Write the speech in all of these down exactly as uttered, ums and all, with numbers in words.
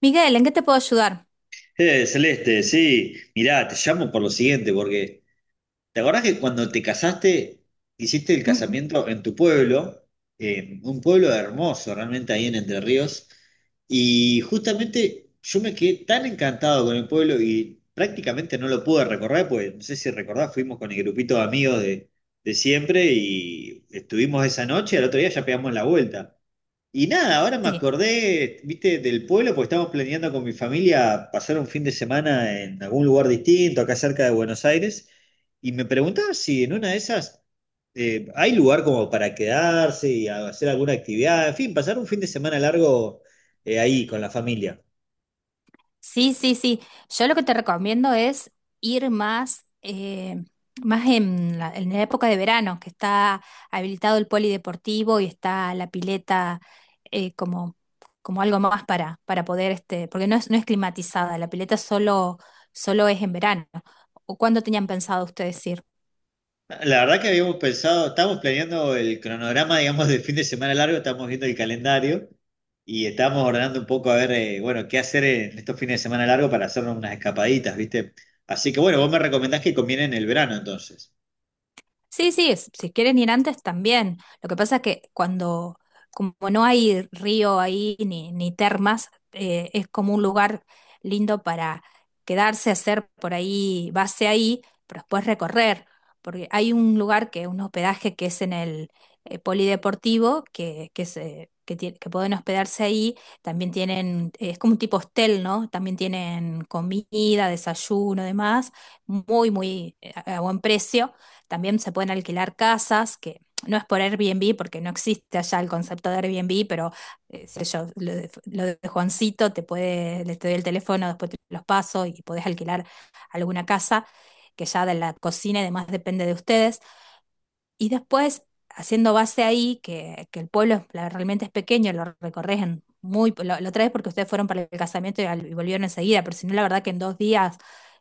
Miguel, ¿en qué te puedo ayudar? Eh, Celeste, sí, mirá, te llamo por lo siguiente, porque ¿te acordás que cuando te casaste, hiciste el Ujú. casamiento en tu pueblo, en un pueblo hermoso realmente ahí en Entre Ríos, y justamente yo me quedé tan encantado con el pueblo y prácticamente no lo pude recorrer, pues no sé si recordás, fuimos con el grupito de amigos de, de siempre y estuvimos esa noche, al otro día ya pegamos la vuelta. Y nada, ahora me Sí, acordé, viste, del pueblo, porque estamos planeando con mi familia pasar un fin de semana en algún lugar distinto, acá cerca de Buenos Aires, y me preguntaba si en una de esas eh, hay lugar como para quedarse y a- hacer alguna actividad, en fin, pasar un fin de semana largo eh, ahí con la familia. sí, sí, sí. Yo lo que te recomiendo es ir más, eh, más en la, en la época de verano, que está habilitado el polideportivo y está la pileta eh, como, como algo más para, para poder, este, porque no es, no es climatizada, la pileta solo, solo es en verano. ¿O cuándo tenían pensado ustedes ir? La verdad que habíamos pensado, estábamos planeando el cronograma, digamos, del fin de semana largo, estábamos viendo el calendario. Y estábamos ordenando un poco a ver, eh, bueno, qué hacer en estos fines de semana largos para hacernos unas escapaditas, ¿viste? Así que bueno, vos me recomendás que conviene en el verano entonces. Sí, sí, es- si quieren ir antes también. Lo que pasa es que cuando, como no hay río ahí ni, ni termas, eh, es como un lugar lindo para quedarse, hacer por ahí base ahí, pero después recorrer, porque hay un lugar que un hospedaje que es en el eh, polideportivo, que, que, se- que, tie- que pueden hospedarse ahí, también tienen, eh, es como un tipo hostel, ¿no? También tienen comida, desayuno, demás, muy, muy eh, a a buen precio, también se pueden alquilar casas, que no es por Airbnb, porque no existe allá el concepto de Airbnb, pero eh, sé yo, lo de, lo de Juancito, te puede, le te doy el teléfono, después te los paso y podés alquilar alguna casa, que ya de la cocina y demás depende de ustedes. Y después, haciendo base ahí, que, que el pueblo es- la- realmente es pequeño, lo recorres en muy, lo, lo traes porque ustedes fueron para el casamiento y, al- y volvieron enseguida, pero si no, la verdad que en dos días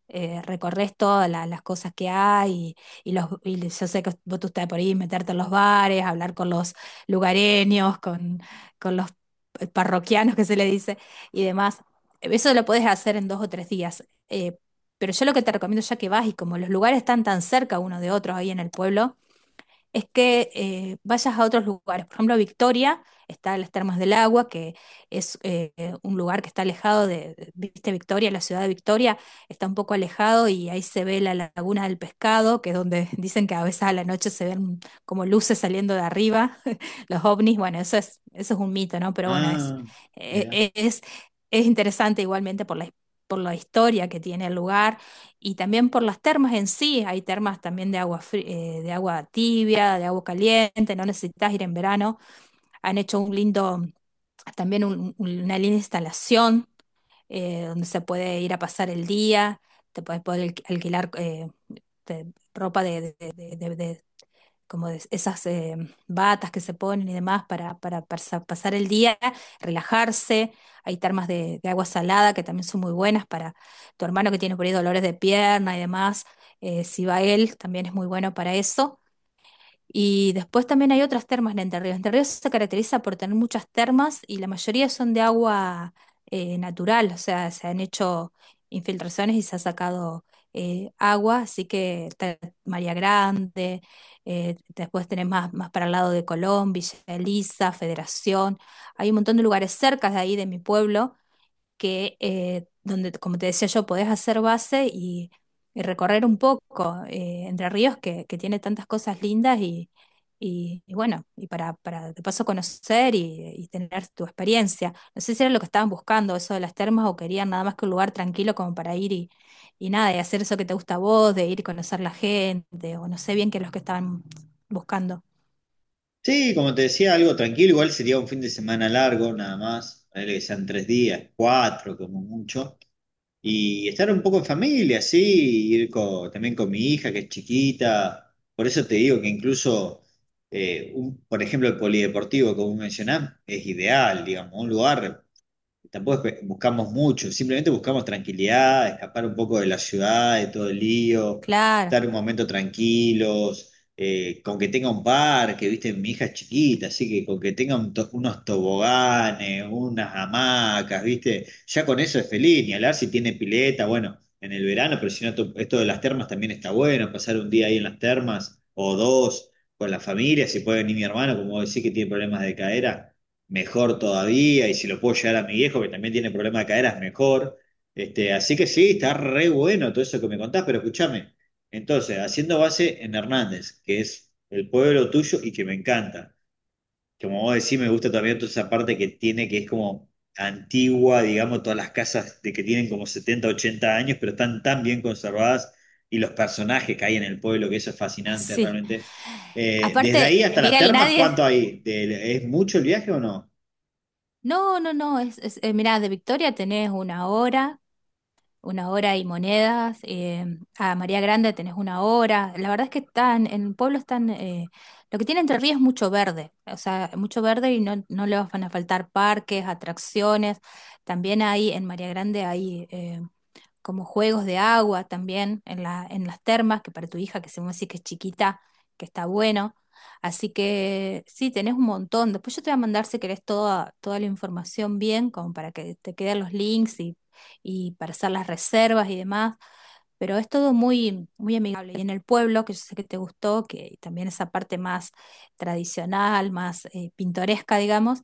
eh, recorres todas la- las cosas que hay y, y los, y yo sé que vos tú estás por ahí, meterte en los bares, hablar con los lugareños, con, con los parroquianos que se le dice y demás. Eso lo puedes hacer en dos o tres días. Eh, pero yo lo que te recomiendo ya que vas y como los lugares están tan cerca uno de otro ahí en el pueblo, es que eh, vayas a otros lugares. Por ejemplo, Victoria, está las Termas del Agua, que es eh, un lugar que está alejado de, de- viste, Victoria, la ciudad de Victoria, está un poco alejado y ahí se ve la Laguna del Pescado, que es donde dicen que a veces a la noche se ven como luces saliendo de arriba, los ovnis. Bueno, eso es, eso es un mito, ¿no? Pero bueno, es, Ah, e- mira. e- es, es interesante igualmente por la, por la historia que tiene el lugar y también por las termas en sí. Hay termas también de agua, fri- eh, de agua tibia, de agua caliente, no necesitas ir en verano. Han hecho un lindo, también un- un- una linda instalación eh, donde se puede ir a pasar el día, te puedes poder alqui- alquilar eh, te- ropa de, de, de- de- de- como de esas eh, batas que se ponen y demás para, para parsa- pasar el día, relajarse. Hay termas de, de agua salada que también son muy buenas para tu hermano que tiene por ahí dolores de pierna y demás. Eh, si va él, también es muy bueno para eso. Y después también hay otras termas en Entre Ríos. Entre Ríos se caracteriza por tener muchas termas y la mayoría son de agua eh, natural, o sea, se han hecho infiltraciones y se ha sacado eh, agua, así que está María Grande, eh, después tenés más, más para el lado de Colón, Villa Elisa, Federación, hay un montón de lugares cerca de ahí, de mi pueblo, que eh, donde, como te decía yo, podés hacer base y, y recorrer un poco eh, Entre Ríos, que, que tiene tantas cosas lindas y, y, y bueno, y para, para de paso conocer y, y tener tu experiencia. No sé si era lo que estaban buscando, eso de las termas, o querían nada más que un lugar tranquilo como para ir y, y nada, y hacer eso que te gusta a vos, de ir y conocer la gente, o no sé bien qué es lo que estaban buscando. Sí, como te decía, algo tranquilo, igual sería un fin de semana largo nada más, ponele que sean tres días, cuatro como mucho. Y estar un poco en familia, sí, ir co- también con mi hija que es chiquita. Por eso te digo que incluso, eh, un- por ejemplo, el polideportivo, como mencionás, es ideal, digamos, un lugar tampoco es que buscamos mucho, simplemente buscamos tranquilidad, escapar un poco de la ciudad, de todo el lío, Claro, estar un momento tranquilos, eh, con que tenga un parque, viste, mi hija es chiquita, así que con que tenga un to- unos toboganes, unas hamacas, viste, ya con eso es feliz, ni hablar si tiene pileta, bueno, en el verano, pero si no, to- esto de las termas también está bueno, pasar un día ahí en las termas o dos con la familia, si puede venir mi hermano, como vos decís que tiene problemas de cadera mejor todavía, y si lo puedo llevar a mi viejo, que también tiene problema de caderas, mejor. Este, así que sí, está re bueno todo eso que me contás, pero escúchame. Entonces, haciendo base en Hernández, que es el pueblo tuyo y que me encanta. Como vos decís, me gusta también toda esa parte que tiene, que es como antigua, digamos, todas las casas de que tienen como setenta ochenta años, pero están tan bien conservadas y los personajes que hay en el pueblo, que eso es fascinante sí. realmente. Eh, desde Aparte, ahí hasta las Miguel, termas, nadie. ¿cuánto hay? ¿De- ¿Es mucho el viaje o no? No, no, no, es, es, eh, mirá, de Victoria tenés una hora, una hora y monedas, eh, a María Grande tenés una hora, la verdad es que están, en el pueblo están, eh, lo que tiene Entre Ríos es mucho verde, o sea, mucho verde y no, no le van a faltar parques, atracciones, también hay en María Grande hay eh, como juegos de agua también en la, en las termas, que para tu hija, que se me dice que es chiquita, que está bueno. Así que sí, tenés un montón. Después yo te voy a mandar si querés toda, toda la información bien, como para que te queden los links y, y para hacer las reservas y demás. Pero es todo muy, muy amigable. Y en el pueblo, que yo sé que te gustó, que también esa parte más tradicional, más eh, pintoresca, digamos,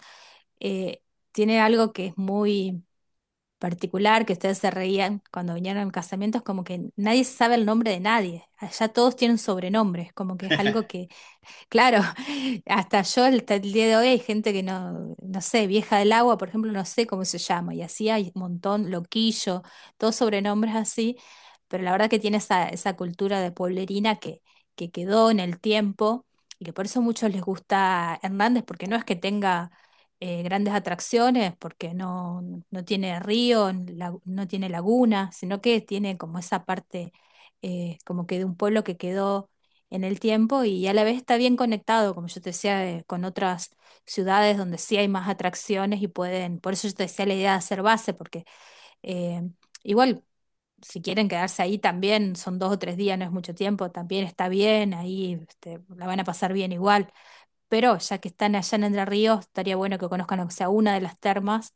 eh, tiene algo que es muy particular, que ustedes se reían cuando vinieron casamientos, como que nadie sabe el nombre de nadie. Allá todos tienen sobrenombres, como que es algo que Claro, hasta yo hasta el día de hoy hay gente que no, no sé, vieja del agua, por ejemplo, no sé cómo se llama, y así hay un montón, loquillo, todos sobrenombres así, pero la verdad que tiene esa, esa cultura de pueblerina que, que quedó en el tiempo y que por eso a muchos les gusta Hernández, porque no es que tenga eh, grandes atracciones, porque no, no tiene río, la- no tiene laguna, sino que tiene como esa parte, eh, como que de un pueblo que quedó en el tiempo y a la vez está bien conectado, como yo te decía, de- con otras ciudades donde sí hay más atracciones y pueden, por eso yo te decía la idea de hacer base, porque eh, igual si quieren quedarse ahí también, son dos o tres días, no es mucho tiempo, también está bien, ahí este, la van a pasar bien igual, pero ya que están allá en Entre Ríos, estaría bueno que conozcan aunque sea una de las termas.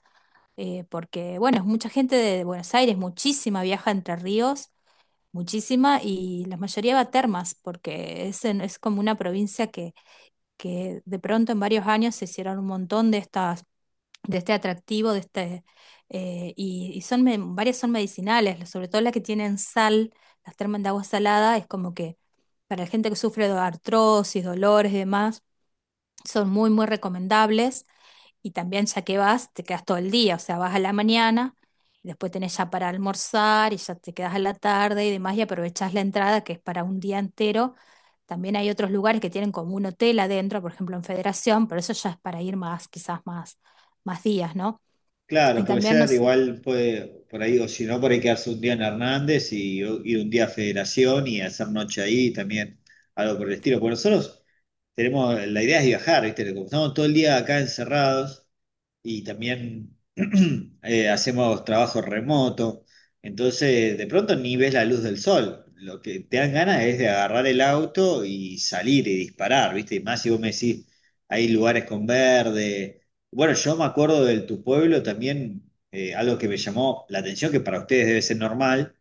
eh, Porque bueno, es mucha gente de Buenos Aires, muchísima viaja a Entre Ríos muchísima y la mayoría va a termas, porque es, en- es como una provincia que, que de pronto en varios años se hicieron un montón de estas, de este atractivo, de este, eh, y, y son, me- varias son medicinales, sobre todo las que tienen sal, las termas de agua salada, es como que para la gente que sufre de artrosis, dolores y demás, son muy, muy recomendables. Y también ya que vas, te quedas todo el día, o sea, vas a la mañana, y después tenés ya para almorzar y ya te quedas a la tarde y demás y aprovechás la entrada que es para un día entero. También hay otros lugares que tienen como un hotel adentro, por ejemplo en Federación, pero eso ya es para ir más, quizás más, más días, ¿no? Claro, Y puede también ser, nos. igual puede, por ahí, o si no, por ahí quedarse un día en Hernández y ir un día a Federación y hacer noche ahí también, algo por el estilo. Porque nosotros tenemos, la idea es viajar, ¿viste? Como estamos todo el día acá encerrados y también eh, hacemos trabajo remoto. Entonces, de pronto ni ves la luz del sol. Lo que te dan ganas es de agarrar el auto y salir y disparar, ¿viste? Y más si vos me decís, hay lugares con verde. Bueno, yo me acuerdo del tu pueblo también, eh, algo que me llamó la atención, que para ustedes debe ser normal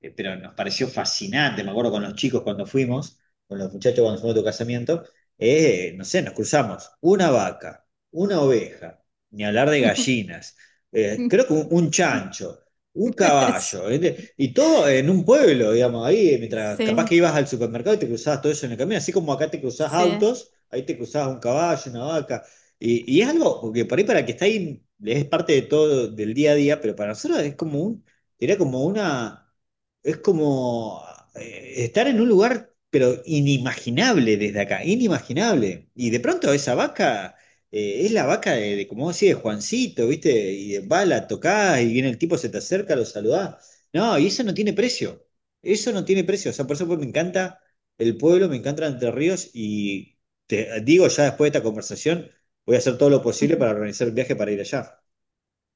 eh, pero nos pareció fascinante, me acuerdo con los chicos cuando fuimos, con los muchachos cuando fuimos a tu casamiento, eh, no sé, nos cruzamos una vaca, una oveja, ni hablar de gallinas, eh, creo que un, un chancho, un caballo, ¿viste? Y todo en un pueblo, digamos, ahí, mientras capaz Sí, que ibas al supermercado y te cruzabas todo eso en el camino, así como acá te cruzás sí. autos, ahí te cruzabas un caballo, una vaca, y, y es algo que por ahí para el que está ahí es parte de todo, del día a día, pero para nosotros es como un, era como una, es como, eh, estar en un lugar, pero inimaginable desde acá, inimaginable. Y de pronto esa vaca eh, es la vaca de, de, como vos de Juancito, ¿viste? Y va, la tocás y viene el tipo, se te acerca, lo saludás. No, y eso no tiene precio. Eso no tiene precio. O sea, por eso pues, me encanta el pueblo, me encanta Entre Ríos y te digo ya después de esta conversación, voy a hacer todo lo posible para organizar el viaje para ir allá.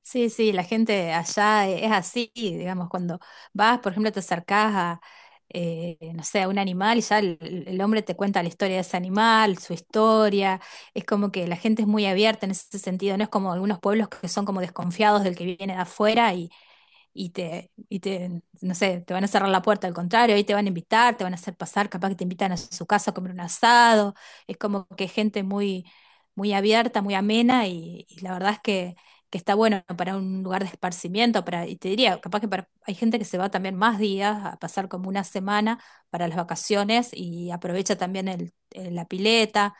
Sí, sí, la gente allá es así, digamos, cuando vas, por ejemplo, te acercás a, eh, no sé, a un animal y ya el, el hombre te cuenta la historia de ese animal, su historia, es como que la gente es muy abierta en ese sentido, no es como algunos pueblos que son como desconfiados del que viene de afuera y, y te, y te, no sé, te van a cerrar la puerta, al contrario, ahí te van a invitar, te van a hacer pasar, capaz que te invitan a su casa a comer un asado, es como que gente muy, muy abierta, muy amena y, y la verdad es que, que está bueno para un lugar de esparcimiento, para, y te diría, capaz que para, hay gente que se va también más días, a pasar como una semana para las vacaciones y aprovecha también el, el- la pileta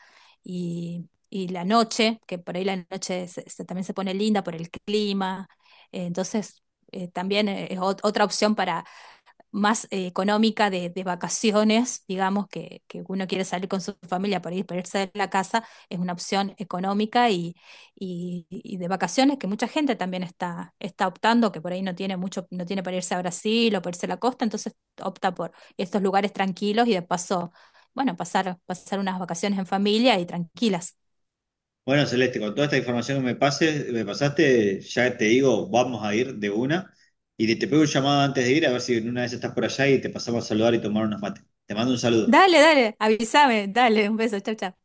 y... y la noche, que por ahí la noche se- se- también se pone linda por el clima. Eh, entonces, eh, también eh, es ot- otra opción para más eh, económica de, de vacaciones, digamos, que, que uno quiere salir con su familia para ir, para irse de la casa, es una opción económica y, y, y de vacaciones que mucha gente también está, está optando, que por ahí no tiene mucho, no tiene para irse a Brasil o para irse a la costa, entonces opta por estos lugares tranquilos y de paso, bueno, pasar, pasar unas vacaciones en familia y tranquilas. Bueno, Celeste, con toda esta información que me pases, me pasaste, ya te digo, vamos a ir de una. Y te te pego un llamado antes de ir, a ver si en una vez estás por allá y te pasamos a saludar y tomar unos mates. Te mando un saludo. Dale, dale, avísame, dale, un beso, chao, chao.